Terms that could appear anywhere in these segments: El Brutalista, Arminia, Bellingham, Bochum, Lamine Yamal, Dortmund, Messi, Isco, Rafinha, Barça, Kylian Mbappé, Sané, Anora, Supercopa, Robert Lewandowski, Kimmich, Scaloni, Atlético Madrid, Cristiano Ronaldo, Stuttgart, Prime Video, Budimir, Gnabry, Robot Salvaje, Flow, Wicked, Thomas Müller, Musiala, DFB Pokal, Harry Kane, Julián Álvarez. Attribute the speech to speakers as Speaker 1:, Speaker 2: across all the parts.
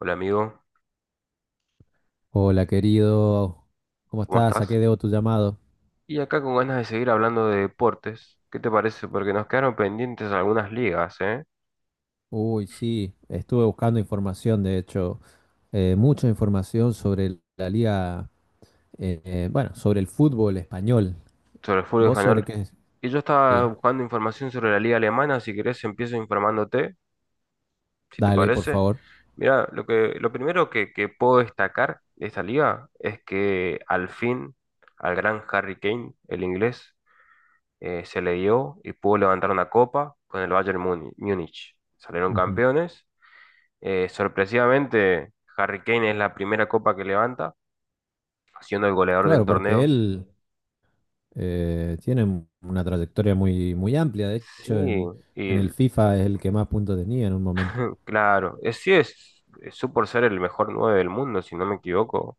Speaker 1: Hola amigo,
Speaker 2: Hola querido, ¿cómo
Speaker 1: ¿cómo
Speaker 2: estás? ¿A qué
Speaker 1: estás?
Speaker 2: debo tu llamado?
Speaker 1: Y acá con ganas de seguir hablando de deportes, ¿qué te parece? Porque nos quedaron pendientes algunas ligas, ¿eh?
Speaker 2: Uy, sí, estuve buscando información, de hecho, mucha información sobre la liga, bueno, sobre el fútbol español.
Speaker 1: Sobre el fútbol
Speaker 2: ¿Vos sobre
Speaker 1: español.
Speaker 2: qué?
Speaker 1: Y yo estaba
Speaker 2: Sí,
Speaker 1: buscando información sobre la liga alemana, si querés empiezo informándote, si te
Speaker 2: dale, por
Speaker 1: parece.
Speaker 2: favor.
Speaker 1: Mira, lo primero que puedo destacar de esta liga es que al fin al gran Harry Kane, el inglés, se le dio y pudo levantar una copa con el Múnich. Salieron
Speaker 2: Ujú.
Speaker 1: campeones. Sorpresivamente, Harry Kane es la primera copa que levanta, siendo el goleador del
Speaker 2: Claro, porque
Speaker 1: torneo.
Speaker 2: él tiene una trayectoria muy, muy amplia, de
Speaker 1: Sí,
Speaker 2: hecho, en
Speaker 1: y
Speaker 2: el FIFA es el que más puntos tenía en un momento.
Speaker 1: claro, es, su por ser el mejor 9 del mundo, si no me equivoco.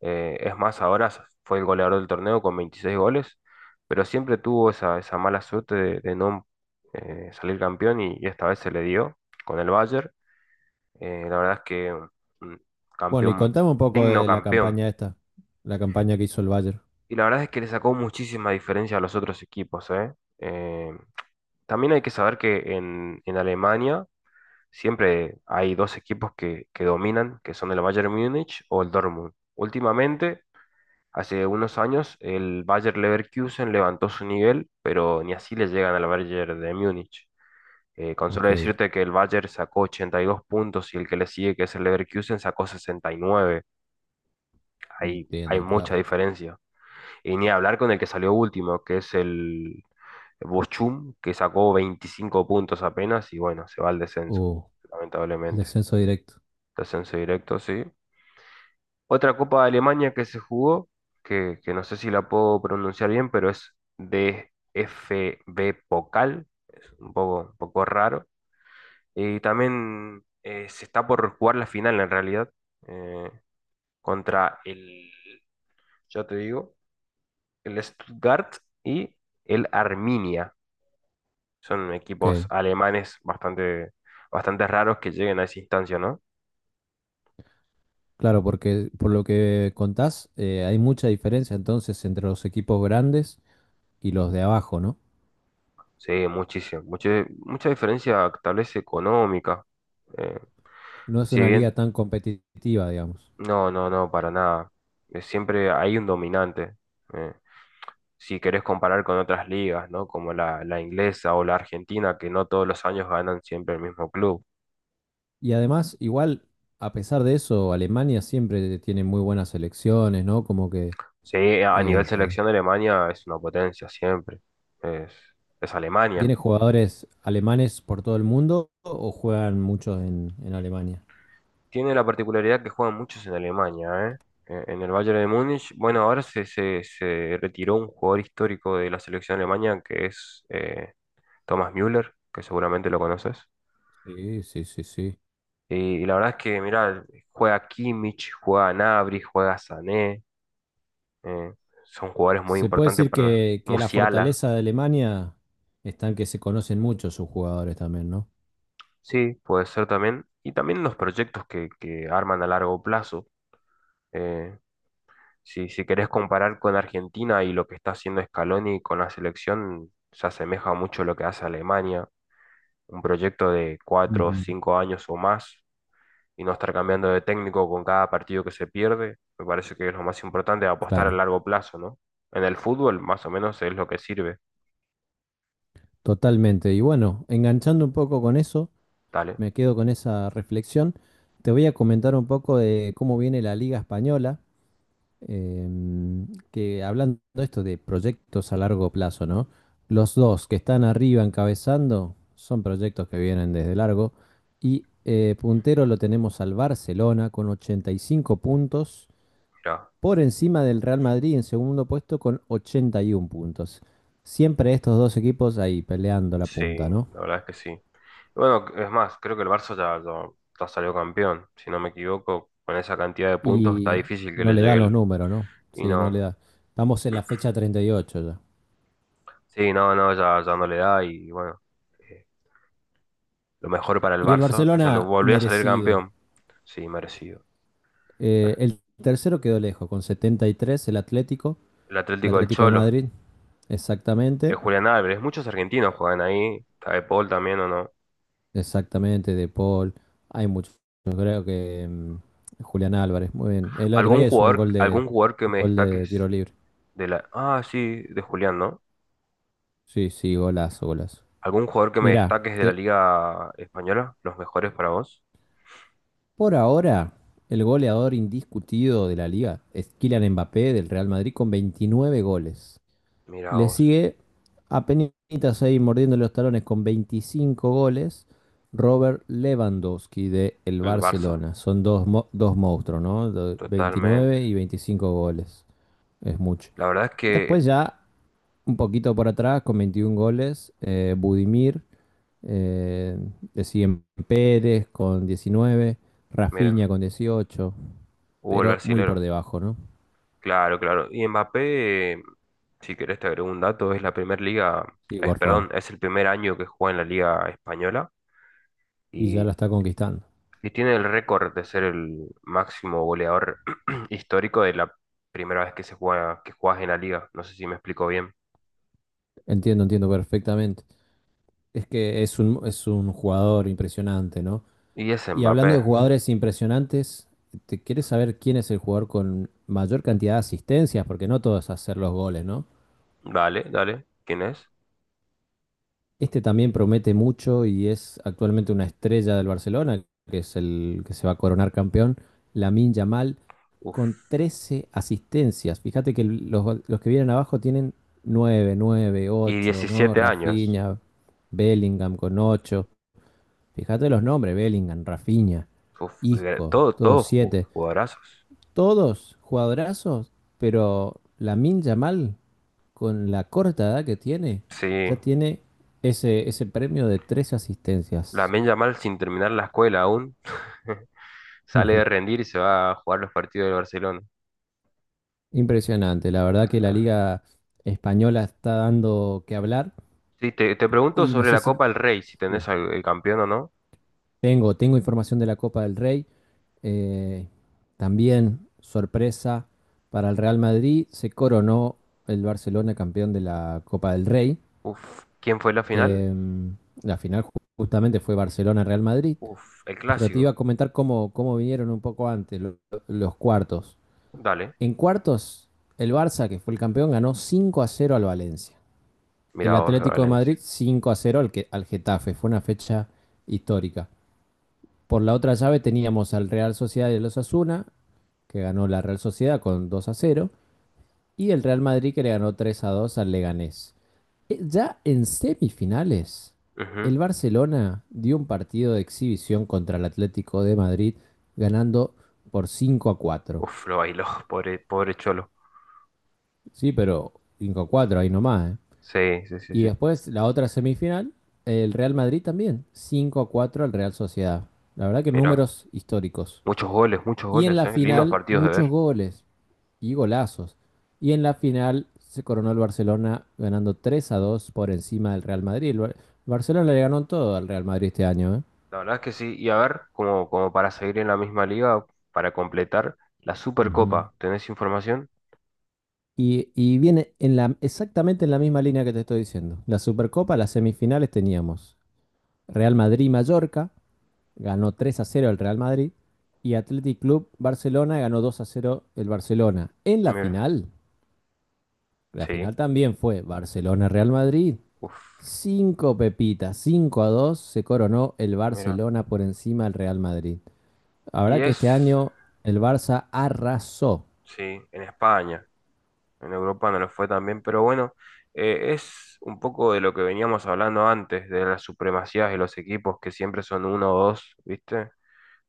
Speaker 1: Es más, ahora fue el goleador del torneo con 26 goles, pero siempre tuvo esa mala suerte de no salir campeón y esta vez se le dio con el Bayern. La verdad es que un
Speaker 2: Bueno, y
Speaker 1: campeón,
Speaker 2: contame un poco
Speaker 1: digno
Speaker 2: de la
Speaker 1: campeón.
Speaker 2: campaña esta, la campaña que hizo el Bayern.
Speaker 1: Y la verdad es que le sacó muchísima diferencia a los otros equipos, ¿eh? Eh, También hay que saber que en Alemania siempre hay dos equipos que dominan, que son el Bayern Múnich o el Dortmund. Últimamente, hace unos años, el Bayer Leverkusen levantó su nivel, pero ni así le llegan al Bayern de Múnich. Con solo
Speaker 2: Ok,
Speaker 1: decirte que el Bayern sacó 82 puntos y el que le sigue, que es el Leverkusen, sacó 69. Ahí hay
Speaker 2: entiendo,
Speaker 1: mucha
Speaker 2: claro.
Speaker 1: diferencia. Y ni hablar con el que salió último, que es el Bochum, que sacó 25 puntos apenas y bueno, se va al descenso,
Speaker 2: Uh, Al
Speaker 1: lamentablemente.
Speaker 2: descenso directo.
Speaker 1: Descenso directo, sí. Otra Copa de Alemania que se jugó, que no sé si la puedo pronunciar bien, pero es DFB Pokal, es un poco raro. Y también se está por jugar la final en realidad, eh, contra el, yo te digo, el Stuttgart y el Arminia. Son equipos
Speaker 2: Ok.
Speaker 1: alemanes bastante, bastante raros que lleguen a esa instancia, ¿no?
Speaker 2: Claro, porque por lo que contás, hay mucha diferencia entonces entre los equipos grandes y los de abajo, ¿no?
Speaker 1: Sí, muchísimo. Mucha, mucha diferencia tal vez económica. Eh,
Speaker 2: No es
Speaker 1: si
Speaker 2: una liga
Speaker 1: bien,
Speaker 2: tan competitiva, digamos.
Speaker 1: no, no, no, para nada. Siempre hay un dominante. Eh, si querés comparar con otras ligas, ¿no? Como la inglesa o la argentina, que no todos los años ganan siempre el mismo club.
Speaker 2: Y además, igual, a pesar de eso, Alemania siempre tiene muy buenas selecciones, ¿no? Como que
Speaker 1: Sí, a nivel
Speaker 2: eh,
Speaker 1: selección de Alemania es una potencia siempre. Es, es Alemania.
Speaker 2: tiene jugadores alemanes por todo el mundo o juegan muchos en, Alemania.
Speaker 1: Tiene la particularidad que juegan muchos en Alemania, ¿eh? En el Bayern de Múnich. Bueno, ahora se retiró un jugador histórico de la selección alemana que es Thomas Müller, que seguramente lo conoces.
Speaker 2: Sí, sí, sí, sí.
Speaker 1: Y la verdad es que, mirá, juega Kimmich, juega Gnabry, juega Sané. eh, Son jugadores muy
Speaker 2: Se puede
Speaker 1: importantes
Speaker 2: decir
Speaker 1: para
Speaker 2: que la
Speaker 1: Musiala.
Speaker 2: fortaleza de Alemania está en que se conocen mucho sus jugadores también, ¿no?
Speaker 1: Sí, puede ser también. Y también los proyectos que arman a largo plazo. eh, Si, si querés comparar con Argentina y lo que está haciendo Scaloni con la selección, se asemeja mucho a lo que hace Alemania, un proyecto de cuatro o
Speaker 2: Ujú.
Speaker 1: cinco años o más y no estar cambiando de técnico con cada partido que se pierde, me parece que es lo más importante, apostar a
Speaker 2: Claro,
Speaker 1: largo plazo, ¿no? En el fútbol más o menos es lo que sirve,
Speaker 2: totalmente. Y bueno, enganchando un poco con eso,
Speaker 1: dale,
Speaker 2: me quedo con esa reflexión. Te voy a comentar un poco de cómo viene la Liga Española, que hablando de esto de proyectos a largo plazo, ¿no? Los dos que están arriba encabezando son proyectos que vienen desde largo y puntero lo tenemos al Barcelona con 85 puntos
Speaker 1: mira
Speaker 2: por encima del Real Madrid en segundo puesto con 81 puntos. Siempre estos dos equipos ahí peleando la
Speaker 1: sí,
Speaker 2: punta, ¿no?
Speaker 1: la verdad es que sí. Bueno, es más, creo que el Barça ya salió campeón, si no me equivoco, con esa cantidad de puntos está
Speaker 2: Y
Speaker 1: difícil que
Speaker 2: no
Speaker 1: le
Speaker 2: le
Speaker 1: llegue
Speaker 2: dan los
Speaker 1: el...
Speaker 2: números, ¿no?
Speaker 1: Y
Speaker 2: Sí, no le
Speaker 1: no,
Speaker 2: da. Estamos en la fecha 38 ya.
Speaker 1: sí, no, no, ya, ya no le da y bueno, eh, lo mejor para el
Speaker 2: Y el
Speaker 1: Barça, que salió,
Speaker 2: Barcelona
Speaker 1: volvió a salir
Speaker 2: merecido.
Speaker 1: campeón. Sí, merecido.
Speaker 2: Eh,
Speaker 1: Bueno,
Speaker 2: el tercero quedó lejos, con 73 el Atlético,
Speaker 1: el
Speaker 2: el
Speaker 1: Atlético del
Speaker 2: Atlético de
Speaker 1: Cholo,
Speaker 2: Madrid,
Speaker 1: el
Speaker 2: exactamente,
Speaker 1: Julián Álvarez, muchos argentinos juegan ahí, está de Paul también o no.
Speaker 2: exactamente de Paul. Hay muchos, creo que Julián Álvarez, muy bien. El otro día es un gol de,
Speaker 1: Algún jugador que
Speaker 2: un
Speaker 1: me
Speaker 2: gol de tiro
Speaker 1: destaques
Speaker 2: libre.
Speaker 1: de la... Ah, sí, de Julián, ¿no?
Speaker 2: Sí, sí, golazo, golazo.
Speaker 1: ¿Algún jugador que me
Speaker 2: Mirá,
Speaker 1: destaques de la Liga Española? ¿Los mejores para vos?
Speaker 2: por ahora el goleador indiscutido de la liga es Kylian Mbappé del Real Madrid con 29 goles.
Speaker 1: Mira
Speaker 2: Le
Speaker 1: vos,
Speaker 2: sigue apenitas ahí mordiendo los talones con 25 goles Robert Lewandowski de el
Speaker 1: el Barça,
Speaker 2: Barcelona. Son dos monstruos, ¿no?
Speaker 1: totalmente.
Speaker 2: 29 y 25 goles. Es mucho.
Speaker 1: La verdad es que,
Speaker 2: Después ya un poquito por atrás con 21 goles Budimir. Eh, Le siguen Pérez con 19, Rafinha
Speaker 1: mira,
Speaker 2: con 18,
Speaker 1: hubo el
Speaker 2: pero muy por
Speaker 1: brasilero.
Speaker 2: debajo, ¿no?
Speaker 1: Claro, claro. Y Mbappé, si querés te agrego un dato, es la primera liga,
Speaker 2: Sí,
Speaker 1: es,
Speaker 2: por favor.
Speaker 1: perdón, es el primer año que juega en la liga española
Speaker 2: Y ya
Speaker 1: y,
Speaker 2: la está conquistando.
Speaker 1: y tiene el récord de ser el máximo goleador histórico de la primera vez que se juega, que juegas en la liga. No sé si me explico bien.
Speaker 2: Entiendo, entiendo perfectamente. Es que es un jugador impresionante, ¿no?
Speaker 1: Y es
Speaker 2: Y hablando
Speaker 1: Mbappé.
Speaker 2: de jugadores impresionantes, ¿te quieres saber quién es el jugador con mayor cantidad de asistencias? Porque no todos hacer los goles, ¿no?
Speaker 1: Dale, dale. ¿Quién es?
Speaker 2: Este también promete mucho y es actualmente una estrella del Barcelona, que es el que se va a coronar campeón, Lamine Yamal, con
Speaker 1: Uf.
Speaker 2: 13 asistencias. Fíjate que los que vienen abajo tienen nueve, nueve,
Speaker 1: Y
Speaker 2: ocho, ¿no?
Speaker 1: 17 años.
Speaker 2: Rafinha, Bellingham con 8. Fíjate los nombres, Bellingham, Rafinha, Isco,
Speaker 1: Todo,
Speaker 2: todos 7,
Speaker 1: jugadorazos.
Speaker 2: todos jugadorazos, pero Lamine Yamal con la corta edad que tiene,
Speaker 1: Sí.
Speaker 2: ya tiene ese premio de tres asistencias.
Speaker 1: Lamine Yamal sin terminar la escuela aún. Sale de rendir y se va a jugar los partidos del Barcelona.
Speaker 2: Impresionante, la verdad que la
Speaker 1: Ajá.
Speaker 2: liga española está dando que hablar
Speaker 1: Sí, te pregunto
Speaker 2: y no
Speaker 1: sobre
Speaker 2: sé
Speaker 1: la
Speaker 2: si...
Speaker 1: Copa del Rey, si
Speaker 2: Sí,
Speaker 1: tenés al el campeón o no.
Speaker 2: tengo información de la Copa del Rey. eh, también sorpresa para el Real Madrid, se coronó el Barcelona campeón de la Copa del Rey.
Speaker 1: Uf, ¿quién fue la final?
Speaker 2: eh, la final justamente fue Barcelona-Real Madrid.
Speaker 1: Uf, el
Speaker 2: Pero te iba a
Speaker 1: clásico.
Speaker 2: comentar cómo vinieron un poco antes los cuartos.
Speaker 1: Dale,
Speaker 2: En cuartos, el Barça, que fue el campeón, ganó 5-0 al Valencia. El
Speaker 1: mirá vos, de
Speaker 2: Atlético de
Speaker 1: Valencia.
Speaker 2: Madrid 5-0 al Getafe. Fue una fecha histórica. Por la otra llave teníamos al Real Sociedad y el Osasuna, que ganó la Real Sociedad con 2-0. Y el Real Madrid que le ganó 3-2 al Leganés. Ya en semifinales,
Speaker 1: Ujú.
Speaker 2: el Barcelona dio un partido de exhibición contra el Atlético de Madrid, ganando por 5-4.
Speaker 1: Uf, lo bailó, pobre, pobre Cholo.
Speaker 2: Sí, pero 5-4 ahí nomás, ¿eh?
Speaker 1: Sí, sí, sí,
Speaker 2: Y
Speaker 1: sí.
Speaker 2: después la otra semifinal, el Real Madrid también, 5-4 al Real Sociedad. La verdad que
Speaker 1: Mirá,
Speaker 2: números históricos.
Speaker 1: muchos
Speaker 2: Y en
Speaker 1: goles,
Speaker 2: la
Speaker 1: eh. Lindos
Speaker 2: final,
Speaker 1: partidos de ver.
Speaker 2: muchos goles y golazos. Y en la final se coronó el Barcelona ganando 3-2 por encima del Real Madrid. El Barcelona le ganó todo al Real Madrid este año, ¿eh?
Speaker 1: La verdad es que sí. Y a ver, como, como para seguir en la misma liga, para completar la
Speaker 2: Ujú.
Speaker 1: Supercopa. ¿Tenés información?
Speaker 2: Y viene en la, exactamente en la misma línea que te estoy diciendo. La Supercopa, las semifinales teníamos Real Madrid-Mallorca, ganó 3-0 el Real Madrid, y Athletic Club Barcelona ganó 2-0 el Barcelona. En
Speaker 1: Mira,
Speaker 2: la
Speaker 1: sí.
Speaker 2: final también fue Barcelona-Real Madrid,
Speaker 1: Uf,
Speaker 2: cinco pepitas, 5-2 se coronó el
Speaker 1: mira.
Speaker 2: Barcelona por encima del Real Madrid.
Speaker 1: Y
Speaker 2: Habrá que este
Speaker 1: es.
Speaker 2: año el Barça arrasó,
Speaker 1: Sí, en España, en Europa no lo fue tan bien, pero bueno, es un poco de lo que veníamos hablando antes, de las supremacías de los equipos que siempre son uno o dos, ¿viste?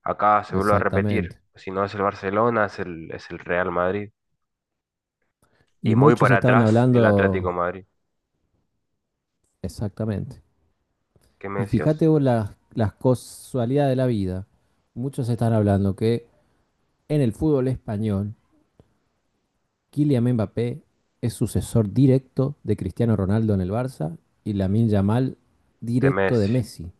Speaker 1: Acá se vuelve a repetir,
Speaker 2: exactamente.
Speaker 1: si no es el Barcelona, es el Real Madrid. Y
Speaker 2: Y
Speaker 1: muy
Speaker 2: muchos
Speaker 1: para
Speaker 2: estaban
Speaker 1: atrás, el Atlético
Speaker 2: hablando,
Speaker 1: Madrid.
Speaker 2: exactamente.
Speaker 1: ¿Qué me
Speaker 2: Y
Speaker 1: decías?
Speaker 2: fíjate vos las casualidades de la vida. Muchos están hablando que en el fútbol español, Kylian Mbappé es sucesor directo de Cristiano Ronaldo en el Barça y Lamine Yamal
Speaker 1: De
Speaker 2: directo de
Speaker 1: Messi.
Speaker 2: Messi.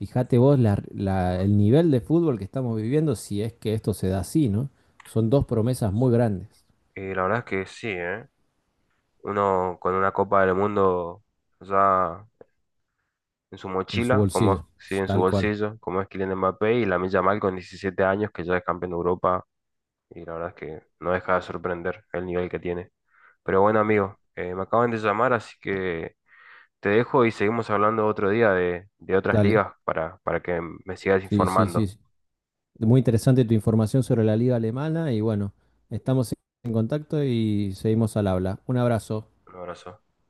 Speaker 2: Fíjate vos el nivel de fútbol que estamos viviendo, si es que esto se da así, ¿no? Son dos promesas muy grandes
Speaker 1: Y la verdad es que sí, ¿eh? Uno con una Copa del Mundo ya en su
Speaker 2: en su
Speaker 1: mochila, como es,
Speaker 2: bolsillo,
Speaker 1: sí, en su
Speaker 2: tal cual.
Speaker 1: bolsillo, como es Kylian Mbappé, y Lamine Yamal con 17 años, que ya es campeón de Europa y la verdad es que no deja de sorprender el nivel que tiene. Pero bueno, amigo, me acaban de llamar, así que te dejo y seguimos hablando otro día de otras
Speaker 2: Dale.
Speaker 1: ligas para que me sigas
Speaker 2: Sí, sí, sí.
Speaker 1: informando.
Speaker 2: Sí. Muy interesante tu información sobre la liga alemana y bueno, estamos en contacto y seguimos al habla. Un abrazo.
Speaker 1: Un abrazo.